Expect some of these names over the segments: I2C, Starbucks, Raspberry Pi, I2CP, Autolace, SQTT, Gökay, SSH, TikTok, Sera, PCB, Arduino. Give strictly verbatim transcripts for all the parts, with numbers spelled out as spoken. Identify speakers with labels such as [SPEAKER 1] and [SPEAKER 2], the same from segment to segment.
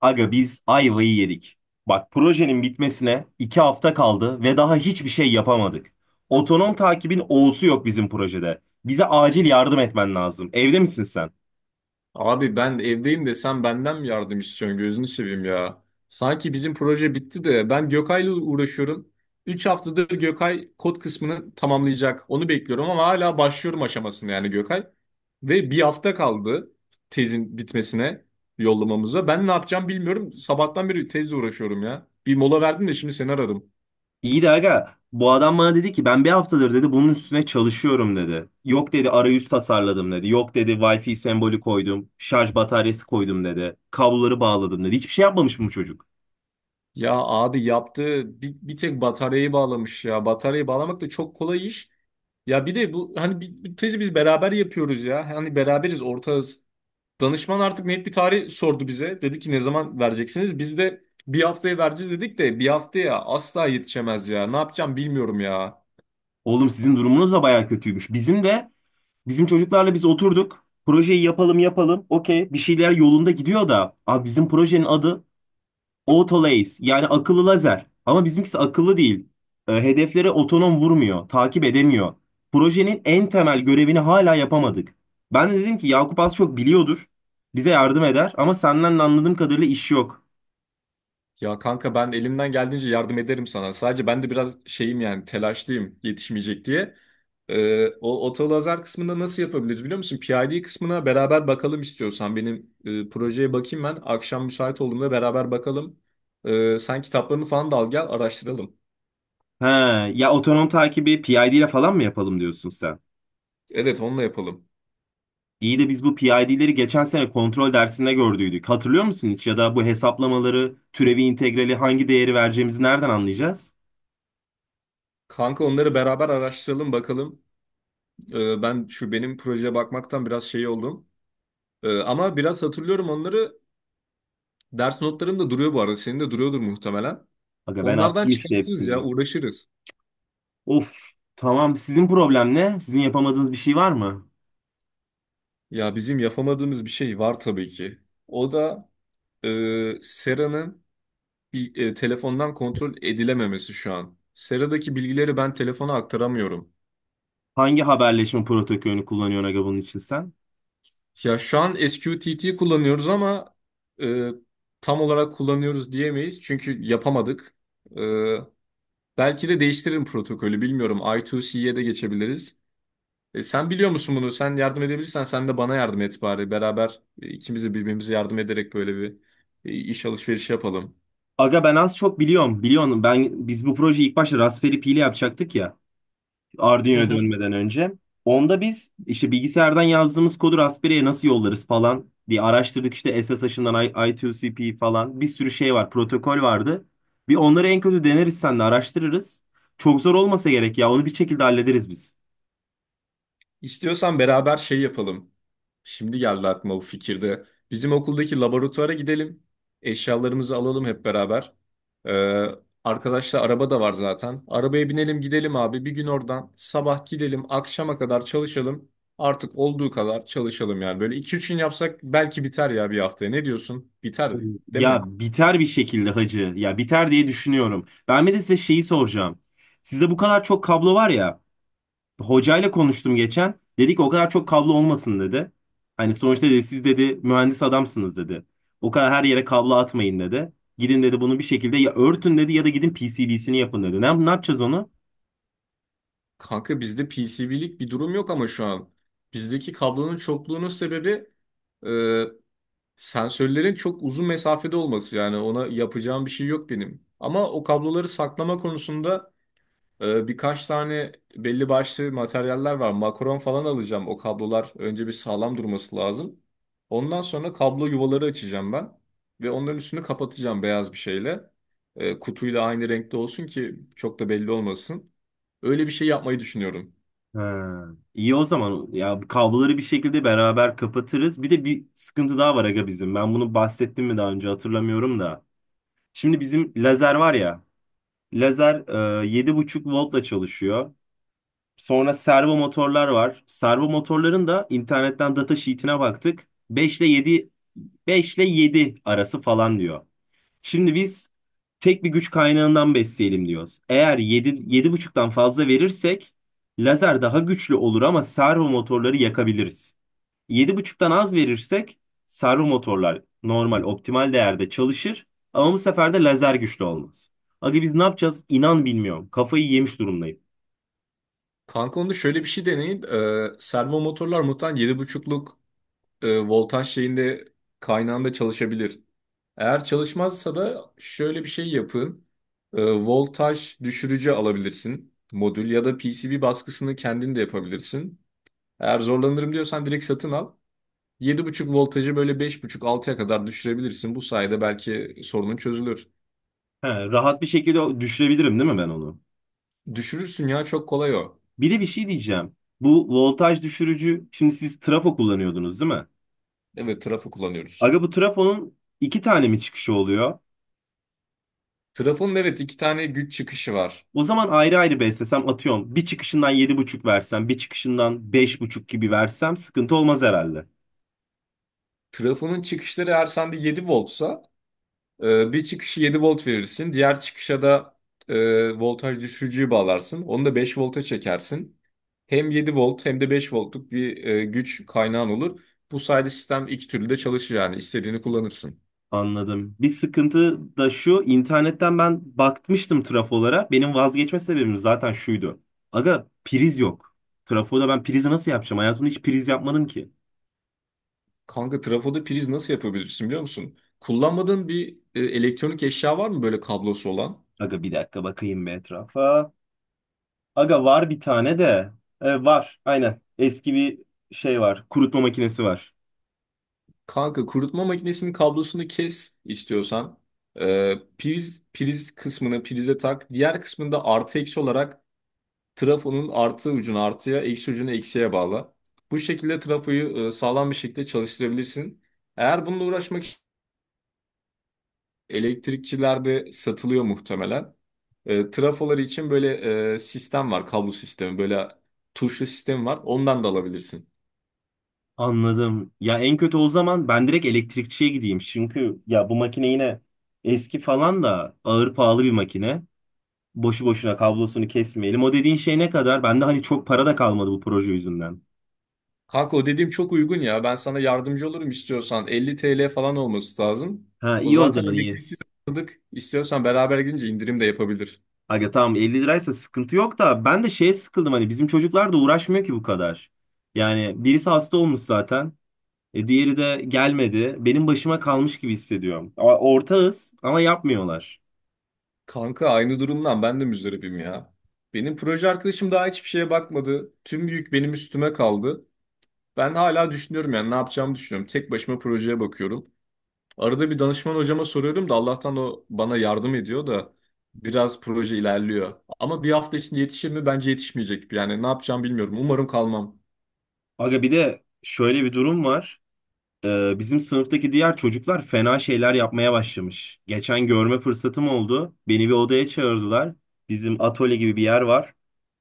[SPEAKER 1] Aga biz ayvayı yedik. Bak projenin bitmesine iki hafta kaldı ve daha hiçbir şey yapamadık. Otonom takibin O'su yok bizim projede. Bize acil yardım etmen lazım. Evde misin sen?
[SPEAKER 2] Abi ben evdeyim de sen benden mi yardım istiyorsun gözünü seveyim ya. Sanki bizim proje bitti de ben Gökay'la uğraşıyorum. Üç haftadır Gökay kod kısmını tamamlayacak. Onu bekliyorum ama hala başlıyorum aşamasını yani Gökay. Ve bir hafta kaldı tezin bitmesine yollamamıza. Ben ne yapacağım bilmiyorum. Sabahtan beri tezle uğraşıyorum ya. Bir mola verdim de şimdi seni aradım.
[SPEAKER 1] İyi de aga bu adam bana dedi ki ben bir haftadır dedi bunun üstüne çalışıyorum dedi. Yok dedi arayüz tasarladım dedi. Yok dedi Wi-Fi sembolü koydum. Şarj bataryası koydum dedi. Kabloları bağladım dedi. Hiçbir şey yapmamış mı bu çocuk?
[SPEAKER 2] Ya abi yaptığı bir, bir tek bataryayı bağlamış ya. Bataryayı bağlamak da çok kolay iş. Ya bir de bu hani bir, bir tezi biz beraber yapıyoruz ya. Hani beraberiz ortağız. Danışman artık net bir tarih sordu bize. Dedi ki ne zaman vereceksiniz? Biz de bir haftaya vereceğiz dedik de bir haftaya asla yetişemez ya. Ne yapacağım bilmiyorum ya.
[SPEAKER 1] Oğlum sizin durumunuz da baya kötüymüş. Bizim de Bizim çocuklarla biz oturduk. Projeyi yapalım yapalım. Okey bir şeyler yolunda gidiyor da. Abi bizim projenin adı Autolace yani akıllı lazer. Ama bizimkisi akıllı değil. E, hedeflere otonom vurmuyor. Takip edemiyor. Projenin en temel görevini hala yapamadık. Ben de dedim ki Yakup az çok biliyordur. Bize yardım eder ama senden de anladığım kadarıyla iş yok.
[SPEAKER 2] Ya kanka ben elimden geldiğince yardım ederim sana. Sadece ben de biraz şeyim yani telaşlıyım yetişmeyecek diye. Ee, o otolazar kısmında nasıl yapabiliriz biliyor musun? P I D kısmına beraber bakalım istiyorsan. Benim e, projeye bakayım ben. Akşam müsait olduğumda beraber bakalım. Ee, sen kitaplarını falan da al gel araştıralım.
[SPEAKER 1] He, ya otonom takibi P I D ile falan mı yapalım diyorsun sen?
[SPEAKER 2] Evet onunla yapalım.
[SPEAKER 1] İyi de biz bu P I D'leri geçen sene kontrol dersinde gördüydük. Hatırlıyor musun hiç? Ya da bu hesaplamaları, türevi integrali hangi değeri vereceğimizi nereden anlayacağız?
[SPEAKER 2] Kanka onları beraber araştıralım bakalım. Ee, ben şu benim projeye bakmaktan biraz şey oldum. Ee, ama biraz hatırlıyorum onları. Ders notlarım da duruyor bu arada. Senin de duruyordur muhtemelen.
[SPEAKER 1] Aga ben
[SPEAKER 2] Onlardan
[SPEAKER 1] attım işte
[SPEAKER 2] çıkartırız
[SPEAKER 1] hepsini.
[SPEAKER 2] ya, uğraşırız.
[SPEAKER 1] Of, tamam. Sizin problem ne? Sizin yapamadığınız bir şey var mı?
[SPEAKER 2] Ya bizim yapamadığımız bir şey var tabii ki. O da e, Sera'nın bir- e, telefondan kontrol edilememesi şu an. Sera'daki bilgileri ben telefona aktaramıyorum.
[SPEAKER 1] Hangi haberleşme protokolünü kullanıyorsun aga bunun için sen?
[SPEAKER 2] Ya şu an S Q T T kullanıyoruz ama e, tam olarak kullanıyoruz diyemeyiz çünkü yapamadık. E, belki de değiştiririm protokolü bilmiyorum. I2C'ye de geçebiliriz. E, sen biliyor musun bunu? Sen yardım edebilirsen sen de bana yardım et bari. Beraber e, ikimiz de birbirimize yardım ederek böyle bir e, iş alışverişi yapalım.
[SPEAKER 1] Aga ben az çok biliyorum. Biliyorsun ben biz bu projeyi ilk başta Raspberry Pi ile yapacaktık ya.
[SPEAKER 2] Hı
[SPEAKER 1] Arduino'ya
[SPEAKER 2] hı.
[SPEAKER 1] dönmeden önce. Onda biz işte bilgisayardan yazdığımız kodu Raspberry'e nasıl yollarız falan diye araştırdık. İşte S S H'ından I- I2CP falan bir sürü şey var, protokol vardı. Bir onları en kötü deneriz sen de araştırırız. Çok zor olmasa gerek ya onu bir şekilde hallederiz biz.
[SPEAKER 2] İstiyorsan beraber şey yapalım. Şimdi geldi aklıma bu fikirde. Bizim okuldaki laboratuvara gidelim. Eşyalarımızı alalım hep beraber. Ee, arkadaşlar araba da var zaten. Arabaya binelim gidelim abi. Bir gün oradan sabah gidelim akşama kadar çalışalım. Artık olduğu kadar çalışalım yani. Böyle iki üç gün yapsak belki biter ya bir haftaya. Ne diyorsun? Biter değil mi?
[SPEAKER 1] Ya biter bir şekilde hacı. Ya biter diye düşünüyorum. Ben bir de size şeyi soracağım. Sizde bu kadar çok kablo var ya. Hocayla konuştum geçen. Dedi ki o kadar çok kablo olmasın dedi. Hani sonuçta dedi siz dedi mühendis adamsınız dedi. O kadar her yere kablo atmayın dedi. Gidin dedi bunu bir şekilde ya örtün dedi ya da gidin P C B'sini yapın dedi. Ne, ne yapacağız onu?
[SPEAKER 2] Kanka bizde P C B'lik bir durum yok ama şu an. Bizdeki kablonun çokluğunun sebebi e, sensörlerin çok uzun mesafede olması. Yani ona yapacağım bir şey yok benim. Ama o kabloları saklama konusunda e, birkaç tane belli başlı materyaller var. Makaron falan alacağım. O kablolar önce bir sağlam durması lazım. Ondan sonra kablo yuvaları açacağım ben. Ve onların üstünü kapatacağım beyaz bir şeyle. E, kutuyla aynı renkte olsun ki çok da belli olmasın. Öyle bir şey yapmayı düşünüyorum.
[SPEAKER 1] Ha, iyi o zaman ya kabloları bir şekilde beraber kapatırız. Bir de bir sıkıntı daha var aga bizim. Ben bunu bahsettim mi daha önce hatırlamıyorum da. Şimdi bizim lazer var ya. Lazer e, yedi buçuk voltla çalışıyor. Sonra servo motorlar var. Servo motorların da internetten data sheet'ine baktık. beş ile yedi beş ile yedi arası falan diyor. Şimdi biz tek bir güç kaynağından besleyelim diyoruz. Eğer yedi buçuktan fazla verirsek lazer daha güçlü olur ama servo motorları yakabiliriz. Yedi buçuktan az verirsek servo motorlar normal optimal değerde çalışır ama bu sefer de lazer güçlü olmaz. Aga biz ne yapacağız? İnan bilmiyorum. Kafayı yemiş durumdayım.
[SPEAKER 2] Kanka onda şöyle bir şey deneyin. Ee, servo motorlar muhtemelen yedi buçukluk e, voltaj şeyinde kaynağında çalışabilir. Eğer çalışmazsa da şöyle bir şey yapın. Ee, voltaj düşürücü alabilirsin modül ya da P C B baskısını kendin de yapabilirsin. Eğer zorlanırım diyorsan direkt satın al. yedi buçuk voltajı böyle beş buçuk altıya kadar düşürebilirsin. Bu sayede belki sorunun çözülür.
[SPEAKER 1] He, rahat bir şekilde düşürebilirim değil mi ben onu?
[SPEAKER 2] Düşürürsün ya çok kolay o.
[SPEAKER 1] Bir de bir şey diyeceğim. Bu voltaj düşürücü, şimdi siz trafo kullanıyordunuz değil mi?
[SPEAKER 2] Evet trafo kullanıyoruz.
[SPEAKER 1] Aga bu trafonun iki tane mi çıkışı oluyor?
[SPEAKER 2] Trafonun evet iki tane güç çıkışı var.
[SPEAKER 1] O zaman ayrı ayrı beslesem atıyorum. Bir çıkışından yedi buçuk versem, bir çıkışından beş buçuk gibi versem sıkıntı olmaz herhalde.
[SPEAKER 2] Trafonun çıkışları eğer sende yedi voltsa e, bir çıkışı yedi volt verirsin. Diğer çıkışa da e, voltaj düşürücüyü bağlarsın. Onu da beş volta çekersin. Hem yedi volt hem de beş voltluk bir e, güç kaynağın olur. Bu sayede sistem iki türlü de çalışır yani istediğini kullanırsın.
[SPEAKER 1] Anladım. Bir sıkıntı da şu, internetten ben bakmıştım trafolara. Benim vazgeçme sebebim zaten şuydu. Aga priz yok. Trafoda ben prizi nasıl yapacağım? Hayatımda hiç priz yapmadım ki.
[SPEAKER 2] Kanka trafoda priz nasıl yapabilirsin biliyor musun? Kullanmadığın bir e, elektronik eşya var mı böyle kablosu olan?
[SPEAKER 1] Aga bir dakika bakayım bir etrafa. Aga var bir tane de. E, var aynen. Eski bir şey var. Kurutma makinesi var.
[SPEAKER 2] Kanka kurutma makinesinin kablosunu kes istiyorsan. Ee, priz, priz kısmını prize tak. Diğer kısmında artı eksi olarak trafonun artı ucunu artıya, eksi ucunu eksiye bağla. Bu şekilde trafoyu e, sağlam bir şekilde çalıştırabilirsin. Eğer bununla uğraşmak için elektrikçilerde satılıyor muhtemelen. E, trafoları için böyle e, sistem var, kablo sistemi, böyle tuşlu sistem var. Ondan da alabilirsin.
[SPEAKER 1] Anladım. Ya en kötü o zaman ben direkt elektrikçiye gideyim. Çünkü ya bu makine yine eski falan da ağır pahalı bir makine. Boşu boşuna kablosunu kesmeyelim. O dediğin şey ne kadar? Bende hani çok para da kalmadı bu proje yüzünden.
[SPEAKER 2] Kanka o dediğim çok uygun ya. Ben sana yardımcı olurum istiyorsan. elli T L falan olması lazım.
[SPEAKER 1] Ha,
[SPEAKER 2] O
[SPEAKER 1] iyi o
[SPEAKER 2] zaten
[SPEAKER 1] zaman iyi.
[SPEAKER 2] elektrikli aldık. İstiyorsan beraber gidince indirim de yapabilir.
[SPEAKER 1] Aga tamam elli liraysa sıkıntı yok da ben de şeye sıkıldım hani bizim çocuklar da uğraşmıyor ki bu kadar. Yani birisi hasta olmuş zaten. E, diğeri de gelmedi. Benim başıma kalmış gibi hissediyorum. Ama ortağız ama yapmıyorlar.
[SPEAKER 2] Kanka aynı durumdan ben de müzdaribim ya. Benim proje arkadaşım daha hiçbir şeye bakmadı. Tüm yük benim üstüme kaldı. Ben hala düşünüyorum yani ne yapacağımı düşünüyorum. Tek başıma projeye bakıyorum. Arada bir danışman hocama soruyorum da Allah'tan o bana yardım ediyor da biraz proje ilerliyor. Ama bir hafta içinde yetişir mi? Bence yetişmeyecek. Yani ne yapacağımı bilmiyorum. Umarım kalmam.
[SPEAKER 1] Aga bir de şöyle bir durum var. E, bizim sınıftaki diğer çocuklar fena şeyler yapmaya başlamış. Geçen görme fırsatım oldu. Beni bir odaya çağırdılar. Bizim atölye gibi bir yer var.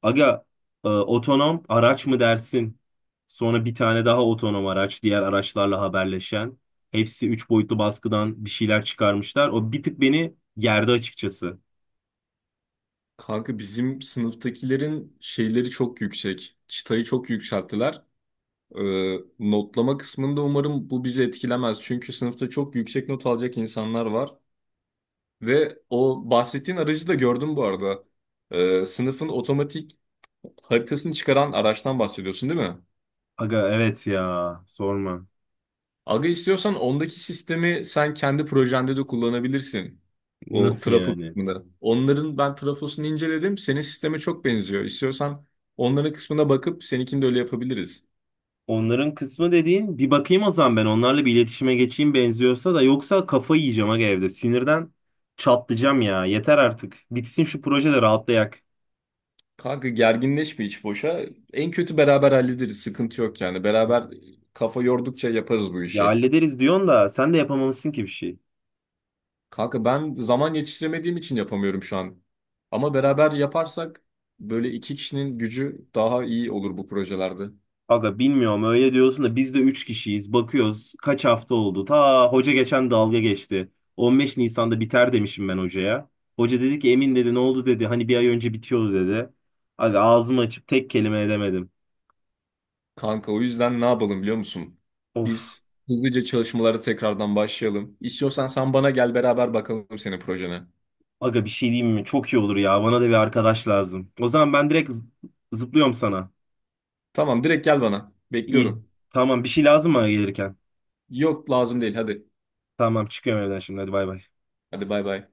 [SPEAKER 1] Aga e, otonom araç mı dersin? Sonra bir tane daha otonom araç, diğer araçlarla haberleşen. Hepsi üç boyutlu baskıdan bir şeyler çıkarmışlar. O bir tık beni gerdi açıkçası.
[SPEAKER 2] Kanka bizim sınıftakilerin şeyleri çok yüksek. Çıtayı çok yükselttiler. Ee, notlama kısmında umarım bu bizi etkilemez. Çünkü sınıfta çok yüksek not alacak insanlar var. Ve o bahsettiğin aracı da gördüm bu arada. Ee, sınıfın otomatik haritasını çıkaran araçtan bahsediyorsun değil mi?
[SPEAKER 1] Aga evet ya sorma.
[SPEAKER 2] Aga istiyorsan ondaki sistemi sen kendi projende de kullanabilirsin. O
[SPEAKER 1] Nasıl
[SPEAKER 2] trafo
[SPEAKER 1] yani?
[SPEAKER 2] kısmını. Onların ben trafosunu inceledim. Senin sisteme çok benziyor. İstiyorsan onların kısmına bakıp seninkini de öyle yapabiliriz.
[SPEAKER 1] Onların kısmı dediğin bir bakayım o zaman ben onlarla bir iletişime geçeyim benziyorsa da yoksa kafayı yiyeceğim aga evde. Sinirden çatlayacağım ya. Yeter artık. Bitsin şu proje de rahatlayak.
[SPEAKER 2] Kanka gerginleşme hiç boşa. En kötü beraber hallederiz. Sıkıntı yok yani. Beraber e, kafa yordukça yaparız bu
[SPEAKER 1] Ya
[SPEAKER 2] işi.
[SPEAKER 1] hallederiz diyorsun da sen de yapamamışsın ki bir şey.
[SPEAKER 2] Kanka ben zaman yetiştiremediğim için yapamıyorum şu an. Ama beraber yaparsak böyle iki kişinin gücü daha iyi olur bu projelerde.
[SPEAKER 1] Aga bilmiyorum öyle diyorsun da biz de üç kişiyiz. Bakıyoruz kaç hafta oldu. Ta hoca geçen dalga geçti. on beş Nisan'da biter demişim ben hocaya. Hoca dedi ki Emin dedi ne oldu dedi. Hani bir ay önce bitiyordu dedi. Aga ağzımı açıp tek kelime edemedim.
[SPEAKER 2] Kanka o yüzden ne yapalım biliyor musun?
[SPEAKER 1] Of.
[SPEAKER 2] Biz hızlıca çalışmalara tekrardan başlayalım. İstiyorsan sen bana gel beraber bakalım senin projene.
[SPEAKER 1] Aga bir şey diyeyim mi? Çok iyi olur ya. Bana da bir arkadaş lazım. O zaman ben direkt z- zıplıyorum sana.
[SPEAKER 2] Tamam direkt gel bana.
[SPEAKER 1] İyi.
[SPEAKER 2] Bekliyorum.
[SPEAKER 1] Tamam bir şey lazım mı gelirken?
[SPEAKER 2] Yok lazım değil hadi.
[SPEAKER 1] Tamam çıkıyorum evden şimdi hadi bay bay.
[SPEAKER 2] Hadi bay bay.